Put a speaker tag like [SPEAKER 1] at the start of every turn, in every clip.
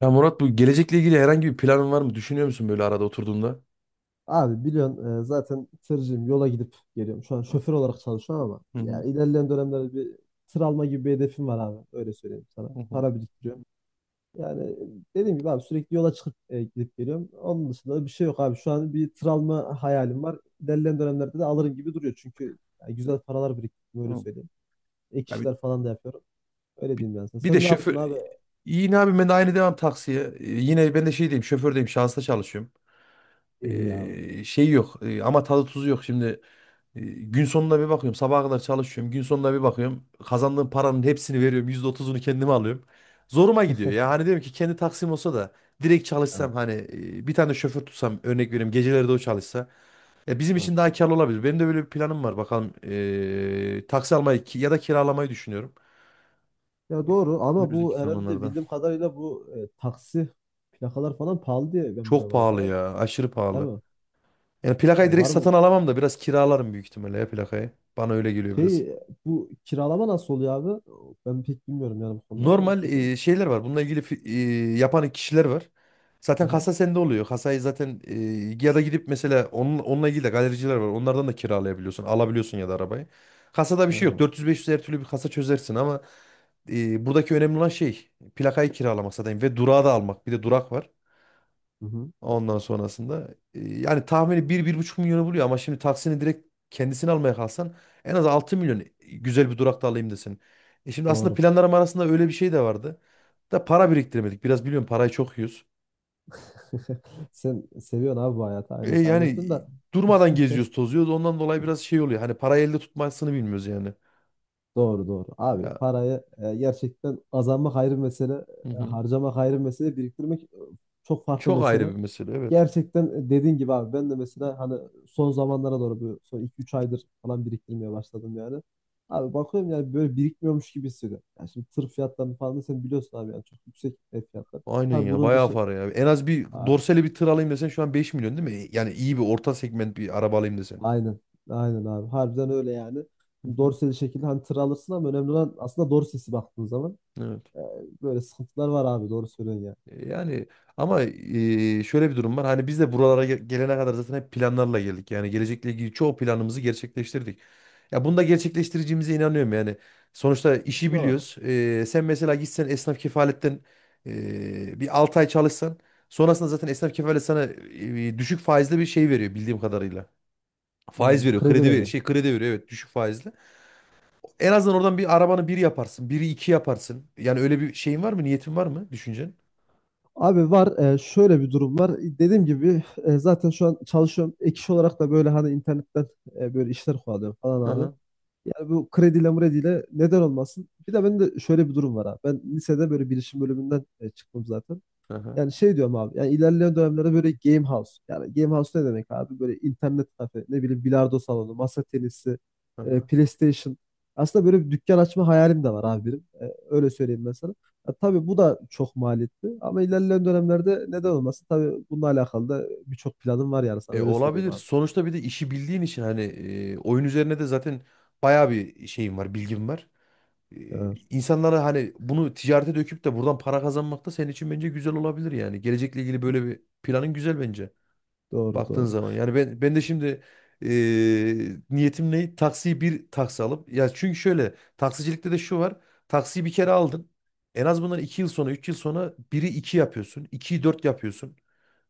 [SPEAKER 1] Ya Murat bu gelecekle ilgili herhangi bir planın var mı? Düşünüyor musun böyle arada oturduğunda?
[SPEAKER 2] Abi biliyorsun, zaten tırcıyım, yola gidip geliyorum. Şu an şoför olarak çalışıyorum ama
[SPEAKER 1] Hı hı,
[SPEAKER 2] yani ilerleyen dönemlerde bir tır alma gibi bir hedefim var abi. Öyle söyleyeyim sana.
[SPEAKER 1] hı hı,
[SPEAKER 2] Para biriktiriyorum. Yani dediğim gibi abi sürekli yola çıkıp gidip geliyorum. Onun dışında da bir şey yok abi. Şu an bir tır alma hayalim var. İlerleyen dönemlerde de alırım gibi duruyor. Çünkü yani güzel paralar biriktirdim, öyle
[SPEAKER 1] hı.
[SPEAKER 2] söyleyeyim. Ek
[SPEAKER 1] Ya
[SPEAKER 2] işler falan da yapıyorum. Öyle
[SPEAKER 1] bir,
[SPEAKER 2] diyeyim yani sana.
[SPEAKER 1] bir de
[SPEAKER 2] Sen ne yaptın
[SPEAKER 1] şoför...
[SPEAKER 2] abi?
[SPEAKER 1] Yine abi ben de aynı devam taksiye. Yine ben de şey diyeyim şofördeyim şansa çalışıyorum.
[SPEAKER 2] İyi ya abi.
[SPEAKER 1] Şey yok ama tadı tuzu yok şimdi. Gün sonuna bir bakıyorum sabaha kadar çalışıyorum. Gün sonuna bir bakıyorum kazandığım paranın hepsini veriyorum. %30'unu kendime alıyorum. Zoruma gidiyor ya hani diyorum ki kendi taksim olsa da direkt
[SPEAKER 2] Tamam.
[SPEAKER 1] çalışsam hani bir tane şoför tutsam örnek vereyim geceleri de o çalışsa. Bizim
[SPEAKER 2] Tamam.
[SPEAKER 1] için daha karlı olabilir. Benim de böyle bir planım var. Bakalım taksi almayı ya da kiralamayı düşünüyorum.
[SPEAKER 2] Ya
[SPEAKER 1] E,
[SPEAKER 2] doğru, ama
[SPEAKER 1] Önümüzdeki
[SPEAKER 2] bu herhalde
[SPEAKER 1] zamanlarda.
[SPEAKER 2] bildiğim kadarıyla bu taksi plakalar falan pahalı diye ben
[SPEAKER 1] Çok
[SPEAKER 2] biliyorum abi
[SPEAKER 1] pahalı
[SPEAKER 2] ya.
[SPEAKER 1] ya. Aşırı
[SPEAKER 2] Değil
[SPEAKER 1] pahalı.
[SPEAKER 2] mi?
[SPEAKER 1] Yani plakayı
[SPEAKER 2] Yani
[SPEAKER 1] direkt
[SPEAKER 2] var
[SPEAKER 1] satın
[SPEAKER 2] mı?
[SPEAKER 1] alamam da biraz kiralarım büyük ihtimalle ya plakayı. Bana öyle geliyor
[SPEAKER 2] Şey,
[SPEAKER 1] biraz.
[SPEAKER 2] bu kiralama nasıl oluyor abi? Ben pek bilmiyorum yani bu konuları da
[SPEAKER 1] Normal
[SPEAKER 2] istiyorsan.
[SPEAKER 1] şeyler var. Bununla ilgili yapan kişiler var. Zaten
[SPEAKER 2] Aha,
[SPEAKER 1] kasa sende oluyor. Kasayı zaten ya da gidip mesela onun, onunla ilgili de galericiler var. Onlardan da kiralayabiliyorsun, alabiliyorsun ya da arabayı. Kasada bir şey
[SPEAKER 2] aynen
[SPEAKER 1] yok.
[SPEAKER 2] abi.
[SPEAKER 1] 400-500 her türlü bir kasa çözersin, ama buradaki önemli olan şey plakayı kiralamak zaten ve durağı da almak. Bir de durak var.
[SPEAKER 2] Hı hı,
[SPEAKER 1] Ondan sonrasında yani tahmini bir bir buçuk milyonu buluyor, ama şimdi taksini direkt kendisini almaya kalsan en az 6 milyon güzel bir durakta alayım desin. Şimdi aslında
[SPEAKER 2] doğru.
[SPEAKER 1] planlarım arasında öyle bir şey de vardı. Da para biriktiremedik. Biraz biliyorum, parayı çok yiyoruz.
[SPEAKER 2] Sen seviyorsun abi bu hayatı.
[SPEAKER 1] E
[SPEAKER 2] Aynen
[SPEAKER 1] yani
[SPEAKER 2] kaynatıyorsun da.
[SPEAKER 1] durmadan geziyoruz, tozuyoruz. Ondan dolayı biraz şey oluyor. Hani parayı elde tutmasını bilmiyoruz yani.
[SPEAKER 2] Doğru doğru. Abi
[SPEAKER 1] Ya,
[SPEAKER 2] parayı gerçekten kazanmak ayrı bir mesele.
[SPEAKER 1] hı hı.
[SPEAKER 2] Harcamak ayrı bir mesele. Biriktirmek çok farklı
[SPEAKER 1] Çok ayrı
[SPEAKER 2] mesele.
[SPEAKER 1] bir mesele, evet.
[SPEAKER 2] Gerçekten, dediğin gibi abi, ben de mesela hani son zamanlara doğru, bu son iki üç aydır falan biriktirmeye başladım yani. Abi bakıyorum yani böyle birikmiyormuş gibi hissediyorum. Yani şimdi tır fiyatlarını falan da sen biliyorsun abi, yani çok yüksek ev fiyatları.
[SPEAKER 1] Aynen
[SPEAKER 2] Tabii
[SPEAKER 1] ya,
[SPEAKER 2] bunun
[SPEAKER 1] bayağı
[SPEAKER 2] dışı...
[SPEAKER 1] para ya. En az bir
[SPEAKER 2] A-
[SPEAKER 1] dorsali bir tır alayım desen şu an 5 milyon, değil mi? Yani iyi bir orta segment bir araba alayım desen.
[SPEAKER 2] aynen, aynen abi, harbiden öyle yani.
[SPEAKER 1] Hı hı.
[SPEAKER 2] Dorseli şekilde hani tır alırsın ama önemli olan aslında dorsesi, baktığın zaman
[SPEAKER 1] Evet.
[SPEAKER 2] e, böyle sıkıntılar var abi, doğru söylüyorsun yani.
[SPEAKER 1] Yani ama şöyle bir durum var. Hani biz de buralara gelene kadar zaten hep planlarla geldik. Yani gelecekle ilgili çoğu planımızı gerçekleştirdik. Ya bunu da gerçekleştireceğimize inanıyorum yani. Sonuçta işi
[SPEAKER 2] Doğru.
[SPEAKER 1] biliyoruz. Sen mesela gitsen esnaf kefaletten bir 6 ay çalışsan, sonrasında zaten esnaf kefalet sana düşük faizli bir şey veriyor bildiğim kadarıyla. Faiz
[SPEAKER 2] Hmm,
[SPEAKER 1] veriyor.
[SPEAKER 2] kredi
[SPEAKER 1] Kredi ver
[SPEAKER 2] veriyor.
[SPEAKER 1] şey kredi veriyor, evet, düşük faizli. En azından oradan bir arabanı bir yaparsın. Biri iki yaparsın. Yani öyle bir şeyin var mı? Niyetin var mı? Düşüncen?
[SPEAKER 2] Abi var, şöyle bir durum var. Dediğim gibi, zaten şu an çalışıyorum. Ek iş olarak da böyle hani internetten böyle işler kovalıyorum
[SPEAKER 1] Hı
[SPEAKER 2] falan abi.
[SPEAKER 1] hı.
[SPEAKER 2] Yani bu krediyle mrediyle neden olmasın? Bir de bende şöyle bir durum var abi. Ben lisede böyle bilişim bölümünden çıktım zaten.
[SPEAKER 1] Hı hı.
[SPEAKER 2] Yani şey diyorum abi. Yani ilerleyen dönemlerde böyle game house. Yani game house ne demek abi? Böyle internet kafe, ne bileyim, bilardo salonu, masa tenisi,
[SPEAKER 1] Hı hı.
[SPEAKER 2] PlayStation. Aslında böyle bir dükkan açma hayalim de var abi benim. Öyle söyleyeyim ben sana. Ya tabii bu da çok maliyetli ama ilerleyen dönemlerde neden olmasın? Tabii bununla alakalı da birçok planım var yani, sana
[SPEAKER 1] E,
[SPEAKER 2] öyle söyleyeyim
[SPEAKER 1] olabilir.
[SPEAKER 2] abi.
[SPEAKER 1] Sonuçta bir de işi bildiğin için hani oyun üzerine de zaten bayağı bir şeyim var, bilgim var. E,
[SPEAKER 2] Evet,
[SPEAKER 1] insanlara hani bunu ticarete döküp de buradan para kazanmak da senin için bence güzel olabilir yani. Gelecekle ilgili böyle bir planın güzel bence.
[SPEAKER 2] doğru
[SPEAKER 1] Baktığın
[SPEAKER 2] doğru.
[SPEAKER 1] zaman yani ben de şimdi e, niyetim ne? Taksiyi bir taksi alıp, ya çünkü şöyle taksicilikte de şu var. Taksiyi bir kere aldın. En az bundan 2 yıl sonra, 3 yıl sonra biri 2 yapıyorsun. 2'yi 4 yapıyorsun.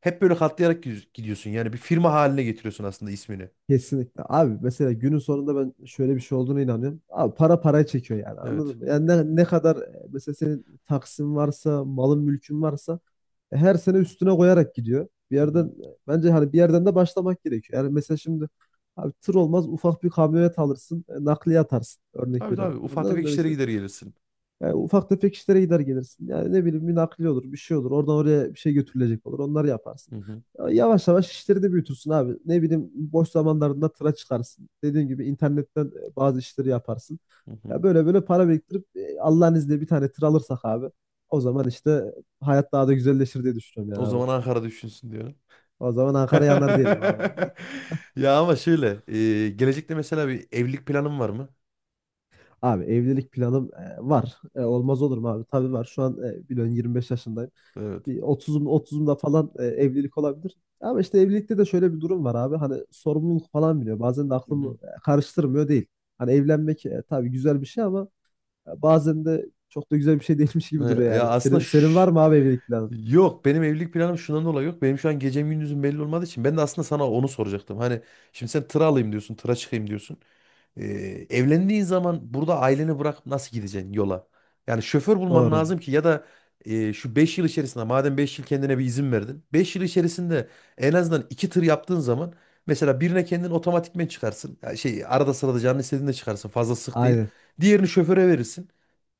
[SPEAKER 1] Hep böyle katlayarak gidiyorsun. Yani bir firma haline getiriyorsun aslında ismini.
[SPEAKER 2] Kesinlikle. Abi mesela günün sonunda ben şöyle bir şey olduğunu inanıyorum. Abi para parayı çekiyor yani,
[SPEAKER 1] Evet.
[SPEAKER 2] anladın mı? Yani ne, ne kadar mesela senin taksin varsa, malın mülkün varsa, her sene üstüne koyarak gidiyor. Bir
[SPEAKER 1] Hı
[SPEAKER 2] yerden,
[SPEAKER 1] hı.
[SPEAKER 2] bence hani bir yerden de başlamak gerekiyor. Yani mesela şimdi abi, tır olmaz, ufak bir kamyonet alırsın, nakliye atarsın. Örnek
[SPEAKER 1] Tabii, tabii,
[SPEAKER 2] veriyorum.
[SPEAKER 1] ufak
[SPEAKER 2] Anladın
[SPEAKER 1] tefek
[SPEAKER 2] mı?
[SPEAKER 1] işlere gider gelirsin.
[SPEAKER 2] Yani ufak tefek işlere gider gelirsin. Yani ne bileyim, bir nakliye olur, bir şey olur. Oradan oraya bir şey götürülecek olur. Onları yaparsın.
[SPEAKER 1] Hı hı.
[SPEAKER 2] Ya, yavaş yavaş işleri de büyütürsün abi. Ne bileyim, boş zamanlarında tıra çıkarsın. Dediğim gibi internetten bazı işleri yaparsın.
[SPEAKER 1] Hı hı.
[SPEAKER 2] Ya böyle böyle para biriktirip Allah'ın izniyle bir tane tır alırsak abi, o zaman işte hayat daha da güzelleşir diye düşünüyorum yani
[SPEAKER 1] O
[SPEAKER 2] abi.
[SPEAKER 1] zaman Ankara düşünsün diyorum.
[SPEAKER 2] O zaman Ankara yanar diyelim abi.
[SPEAKER 1] Ya ama şöyle gelecekte mesela bir evlilik planın var mı?
[SPEAKER 2] Abi evlilik planım var. Olmaz olur mu abi? Tabii var. Şu an, biliyorsun, 25 yaşındayım.
[SPEAKER 1] Evet.
[SPEAKER 2] Bir 30'umda falan evlilik olabilir. Ama işte evlilikte de şöyle bir durum var abi. Hani sorumluluk falan biliyor. Bazen de aklımı karıştırmıyor değil. Hani evlenmek, tabii güzel bir şey ama bazen de çok da güzel bir şey değilmiş gibi duruyor
[SPEAKER 1] Ya
[SPEAKER 2] yani.
[SPEAKER 1] aslında
[SPEAKER 2] Senin var mı abi evlilik planı?
[SPEAKER 1] yok, benim evlilik planım şundan dolayı yok. Benim şu an gecem gündüzüm belli olmadığı için ben de aslında sana onu soracaktım. Hani şimdi sen tıra alayım diyorsun, tıra çıkayım diyorsun. Ee, evlendiğin zaman burada aileni bırakıp nasıl gideceksin yola? Yani şoför bulman
[SPEAKER 2] Doğru.
[SPEAKER 1] lazım ki, ya da şu 5 yıl içerisinde, madem 5 yıl kendine bir izin verdin. 5 yıl içerisinde en azından 2 tır yaptığın zaman mesela birine kendin otomatikmen çıkarsın. Ya şey, arada sırada canın istediğinde çıkarsın, fazla sık değil.
[SPEAKER 2] Aynen.
[SPEAKER 1] Diğerini şoföre verirsin.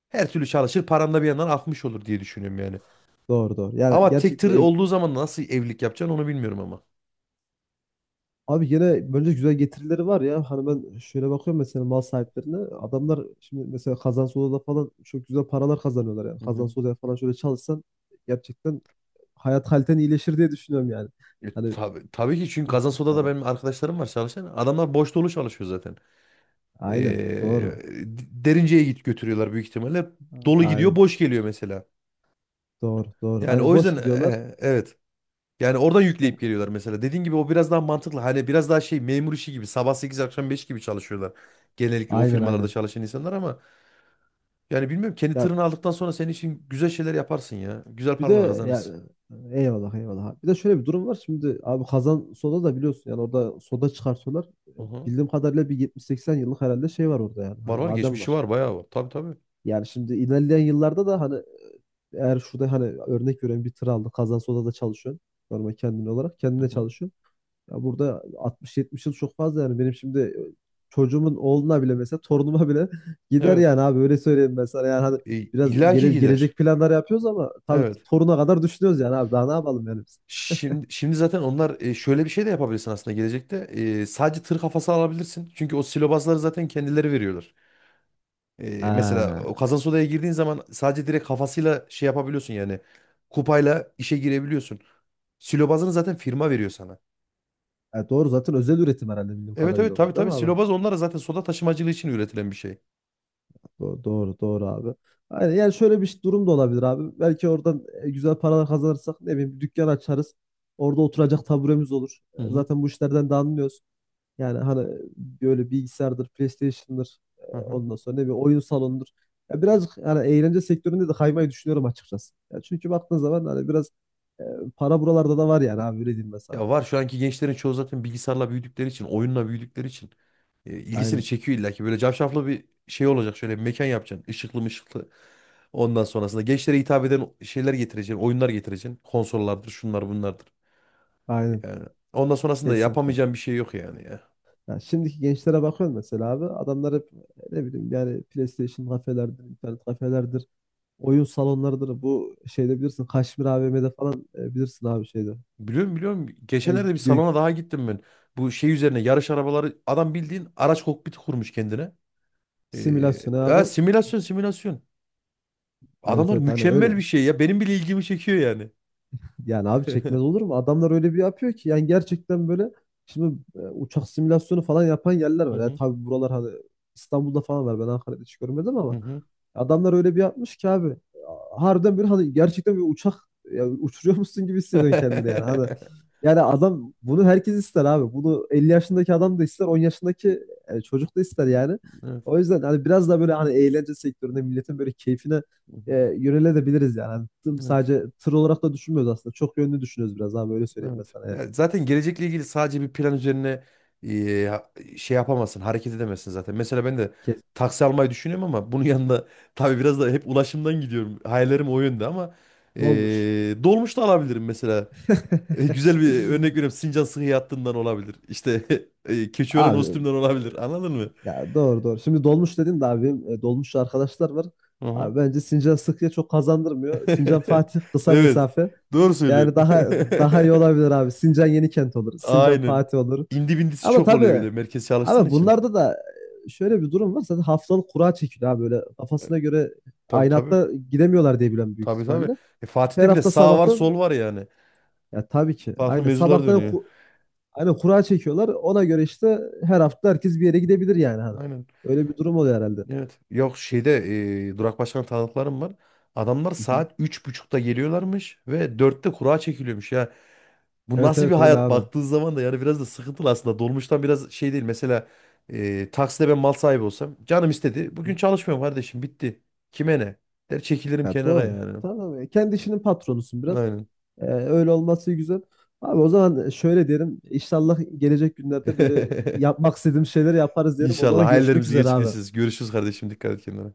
[SPEAKER 1] Her türlü çalışır, param da bir yandan akmış olur diye düşünüyorum yani.
[SPEAKER 2] Doğru doğru. Yani
[SPEAKER 1] Ama tek
[SPEAKER 2] gerçekten
[SPEAKER 1] tır
[SPEAKER 2] ev...
[SPEAKER 1] olduğu zaman nasıl evlilik yapacaksın onu bilmiyorum ama.
[SPEAKER 2] Abi yine böyle güzel getirileri var ya. Hani ben şöyle bakıyorum mesela mal sahiplerine. Adamlar şimdi mesela Kazancı Oda'da falan çok güzel paralar kazanıyorlar yani.
[SPEAKER 1] Hı hı.
[SPEAKER 2] Kazancı Oda'ya falan şöyle çalışsan gerçekten hayat haliten iyileşir diye düşünüyorum yani.
[SPEAKER 1] E,
[SPEAKER 2] Hani
[SPEAKER 1] tabii, tabii ki, çünkü Kazansoda'da
[SPEAKER 2] e,
[SPEAKER 1] benim arkadaşlarım var çalışan. Adamlar boş dolu çalışıyor zaten.
[SPEAKER 2] aynen
[SPEAKER 1] Ee,
[SPEAKER 2] doğru.
[SPEAKER 1] derince'ye git götürüyorlar büyük ihtimalle. Dolu gidiyor,
[SPEAKER 2] Aynen,
[SPEAKER 1] boş geliyor mesela.
[SPEAKER 2] doğru doğru.
[SPEAKER 1] Yani
[SPEAKER 2] Aynen,
[SPEAKER 1] o
[SPEAKER 2] boş
[SPEAKER 1] yüzden
[SPEAKER 2] gidiyorlar.
[SPEAKER 1] evet. Yani oradan
[SPEAKER 2] Ya,
[SPEAKER 1] yükleyip geliyorlar mesela. Dediğin gibi o biraz daha mantıklı. Hani biraz daha şey, memur işi gibi sabah 8 akşam 5 gibi çalışıyorlar. Genellikle o
[SPEAKER 2] aynen
[SPEAKER 1] firmalarda
[SPEAKER 2] aynen.
[SPEAKER 1] çalışan insanlar, ama yani bilmiyorum, kendi
[SPEAKER 2] Ya,
[SPEAKER 1] tırını aldıktan sonra senin için güzel şeyler yaparsın ya. Güzel
[SPEAKER 2] bir
[SPEAKER 1] paralar
[SPEAKER 2] de ya,
[SPEAKER 1] kazanırsın.
[SPEAKER 2] eyvallah eyvallah. Bir de şöyle bir durum var. Şimdi abi, Kazan Soda da biliyorsun, yani orada soda çıkartıyorlar.
[SPEAKER 1] Hı hı.
[SPEAKER 2] Bildiğim kadarıyla bir 70-80 yıllık herhalde şey var orada yani.
[SPEAKER 1] Var
[SPEAKER 2] Hani
[SPEAKER 1] var,
[SPEAKER 2] maden
[SPEAKER 1] geçmişi
[SPEAKER 2] var.
[SPEAKER 1] var, bayağı var. Tabii tabii.
[SPEAKER 2] Yani şimdi ilerleyen yıllarda da hani, eğer şurada hani örnek veriyorum bir tır aldı. Kazan Soda'da çalışıyorsun. Normal kendin olarak
[SPEAKER 1] Hı
[SPEAKER 2] kendine
[SPEAKER 1] hı.
[SPEAKER 2] çalışıyorsun. Ya burada 60-70 yıl çok fazla yani. Benim şimdi çocuğumun oğluna bile, mesela torunuma bile gider
[SPEAKER 1] Evet.
[SPEAKER 2] yani abi, öyle söyleyeyim ben sana. Yani hadi
[SPEAKER 1] E,
[SPEAKER 2] biraz
[SPEAKER 1] illa ki gider.
[SPEAKER 2] gelecek planlar yapıyoruz ama tabii
[SPEAKER 1] Evet.
[SPEAKER 2] toruna kadar düşünüyoruz yani abi, daha ne yapalım yani biz.
[SPEAKER 1] Şimdi, şimdi zaten onlar şöyle bir şey de yapabilirsin aslında gelecekte. Sadece tır kafası alabilirsin. Çünkü o silobazları zaten kendileri veriyorlar. Mesela
[SPEAKER 2] Ha.
[SPEAKER 1] o kazans odaya girdiğin zaman sadece direkt kafasıyla şey yapabiliyorsun yani. Kupayla işe girebiliyorsun. Silobazını zaten firma veriyor sana.
[SPEAKER 2] Evet, doğru, zaten özel üretim herhalde bildiğim
[SPEAKER 1] Evet,
[SPEAKER 2] kadarıyla
[SPEAKER 1] evet, tabii,
[SPEAKER 2] onlar, değil
[SPEAKER 1] tabii,
[SPEAKER 2] mi abi?
[SPEAKER 1] silobaz onlara zaten soda taşımacılığı için üretilen bir şey.
[SPEAKER 2] Doğru doğru, doğru abi. Aynen, yani şöyle bir durum da olabilir abi. Belki oradan güzel paralar kazanırsak, ne bileyim, bir dükkan açarız. Orada oturacak taburemiz olur.
[SPEAKER 1] Hı hı.
[SPEAKER 2] Zaten bu işlerden de anlıyoruz. Yani hani böyle bilgisayardır, PlayStation'dır,
[SPEAKER 1] Hı hı.
[SPEAKER 2] ondan sonra ne bileyim oyun salonudur. Ya birazcık yani eğlence sektöründe de kaymayı düşünüyorum açıkçası. Ya çünkü baktığın zaman hani biraz e, para buralarda da var yani abi, öyle diyeyim ben sana.
[SPEAKER 1] Ya var, şu anki gençlerin çoğu zaten bilgisayarla büyüdükleri için, oyunla büyüdükleri için ilgisini
[SPEAKER 2] Aynen.
[SPEAKER 1] çekiyor illa ki. Böyle cafcaflı bir şey olacak. Şöyle bir mekan yapacaksın. Işıklı mışıklı. Ondan sonrasında gençlere hitap eden şeyler getireceksin. Oyunlar getireceksin. Konsollardır, şunlar bunlardır.
[SPEAKER 2] Aynen.
[SPEAKER 1] Yani ondan sonrasında
[SPEAKER 2] Kesinlikle.
[SPEAKER 1] yapamayacağım bir şey yok yani ya.
[SPEAKER 2] Ya şimdiki gençlere bakıyorum mesela abi. Adamlar hep, ne bileyim, yani PlayStation kafelerdir, internet kafelerdir, oyun salonlarıdır. Bu şeyde bilirsin Kaşmir AVM'de falan, bilirsin abi şeyde.
[SPEAKER 1] Biliyorum, biliyorum.
[SPEAKER 2] E,
[SPEAKER 1] Geçenlerde bir
[SPEAKER 2] gö-
[SPEAKER 1] salona daha gittim ben. Bu şey üzerine yarış arabaları, adam bildiğin araç kokpiti kurmuş kendine. Ee,
[SPEAKER 2] simülasyon abi.
[SPEAKER 1] Ya simülasyon, simülasyon.
[SPEAKER 2] Evet
[SPEAKER 1] Adamlar
[SPEAKER 2] evet, hani öyle.
[SPEAKER 1] mükemmel bir şey ya. Benim bile ilgimi çekiyor yani.
[SPEAKER 2] Yani abi,
[SPEAKER 1] Hı
[SPEAKER 2] çekmez olur mu? Adamlar öyle bir yapıyor ki yani, gerçekten böyle şimdi uçak simülasyonu falan yapan yerler var. Yani
[SPEAKER 1] hı.
[SPEAKER 2] tabii buralar hani İstanbul'da falan var. Ben Ankara'da hiç görmedim
[SPEAKER 1] Hı
[SPEAKER 2] ama
[SPEAKER 1] hı.
[SPEAKER 2] adamlar öyle bir yapmış ki abi. Harbiden bir hani gerçekten bir uçak, ya uçuruyor musun gibi hissediyorsun kendini yani. Hani yani, adam, bunu herkes ister abi. Bunu 50 yaşındaki adam da ister, 10 yaşındaki çocuk da ister yani.
[SPEAKER 1] Evet.
[SPEAKER 2] O yüzden hani biraz da böyle hani eğlence sektöründe milletin böyle keyfine
[SPEAKER 1] Hı hı.
[SPEAKER 2] yönelebiliriz yani. Hani
[SPEAKER 1] Evet.
[SPEAKER 2] sadece tır olarak da düşünmüyoruz aslında. Çok yönlü düşünüyoruz biraz abi, öyle söyleyeyim ben
[SPEAKER 1] Evet.
[SPEAKER 2] sana. Yani.
[SPEAKER 1] Ya zaten gelecekle ilgili sadece bir plan üzerine şey yapamazsın, hareket edemezsin zaten. Mesela ben de
[SPEAKER 2] Kes.
[SPEAKER 1] taksi almayı düşünüyorum, ama bunun yanında tabii biraz da hep ulaşımdan gidiyorum. Hayallerim o yönde, ama e,
[SPEAKER 2] Dolmuş.
[SPEAKER 1] dolmuş da alabilirim mesela. E, güzel bir örnek veriyorum. Sincan Sıhhiye Hattı'ndan olabilir. İşte Keçiören
[SPEAKER 2] Abi
[SPEAKER 1] Ostüm'den
[SPEAKER 2] e,
[SPEAKER 1] olabilir. Anladın mı?
[SPEAKER 2] ya doğru doğru. Şimdi dolmuş dedin de abi, benim dolmuşçu arkadaşlar var.
[SPEAKER 1] Hı hı.
[SPEAKER 2] Abi bence Sincan Sıkıya çok kazandırmıyor. Sincan Fatih kısa
[SPEAKER 1] Evet.
[SPEAKER 2] mesafe.
[SPEAKER 1] Doğru
[SPEAKER 2] Yani
[SPEAKER 1] söylüyorsun.
[SPEAKER 2] daha, daha iyi olabilir abi. Sincan Yenikent olur. Sincan
[SPEAKER 1] Aynen.
[SPEAKER 2] Fatih olur.
[SPEAKER 1] İndi bindisi
[SPEAKER 2] Ama
[SPEAKER 1] çok oluyor, bir
[SPEAKER 2] tabii
[SPEAKER 1] de merkez çalıştığın
[SPEAKER 2] abi
[SPEAKER 1] için.
[SPEAKER 2] bunlarda da şöyle bir durum var. Zaten haftalık kura çekiliyor abi, böyle
[SPEAKER 1] E,
[SPEAKER 2] kafasına göre
[SPEAKER 1] Tabii,
[SPEAKER 2] aynı
[SPEAKER 1] tabii.
[SPEAKER 2] hatta gidemiyorlar diye biliyorum, büyük
[SPEAKER 1] Tabii, tabii.
[SPEAKER 2] ihtimalle. Her
[SPEAKER 1] Fatih'te bile
[SPEAKER 2] hafta
[SPEAKER 1] sağ var sol
[SPEAKER 2] sabahtan,
[SPEAKER 1] var yani.
[SPEAKER 2] ya tabii ki
[SPEAKER 1] Farklı
[SPEAKER 2] aynı
[SPEAKER 1] mevzular
[SPEAKER 2] sabahtan
[SPEAKER 1] dönüyor.
[SPEAKER 2] aynı kura çekiyorlar. Ona göre işte her hafta herkes bir yere gidebilir yani hani.
[SPEAKER 1] Aynen.
[SPEAKER 2] Öyle bir durum oluyor herhalde.
[SPEAKER 1] Evet. Yok, şeyde Durak Başkan tanıklarım var. Adamlar
[SPEAKER 2] Hı hı.
[SPEAKER 1] saat 3.30'da geliyorlarmış ve 4'te kura çekiliyormuş ya. Bu
[SPEAKER 2] Evet
[SPEAKER 1] nasıl bir
[SPEAKER 2] evet, öyle
[SPEAKER 1] hayat,
[SPEAKER 2] abi.
[SPEAKER 1] baktığın zaman da yani biraz da sıkıntılı aslında. Dolmuştan biraz şey değil. Mesela Taksim'de ben mal sahibi olsam canım istedi. Bugün
[SPEAKER 2] Hı.
[SPEAKER 1] çalışmıyorum kardeşim, bitti. Kime ne? Der, çekilirim
[SPEAKER 2] Ya
[SPEAKER 1] kenara
[SPEAKER 2] doğru.
[SPEAKER 1] yani.
[SPEAKER 2] Tamam ya. Kendi işinin patronusun biraz.
[SPEAKER 1] Aynen.
[SPEAKER 2] Öyle olması güzel. Abi o zaman şöyle derim. İnşallah gelecek günlerde böyle yapmak istediğim şeyleri yaparız derim. O
[SPEAKER 1] İnşallah
[SPEAKER 2] zaman görüşmek
[SPEAKER 1] hayallerimizi
[SPEAKER 2] üzere abi.
[SPEAKER 1] gerçekleştiririz. Görüşürüz kardeşim. Dikkat et kendine.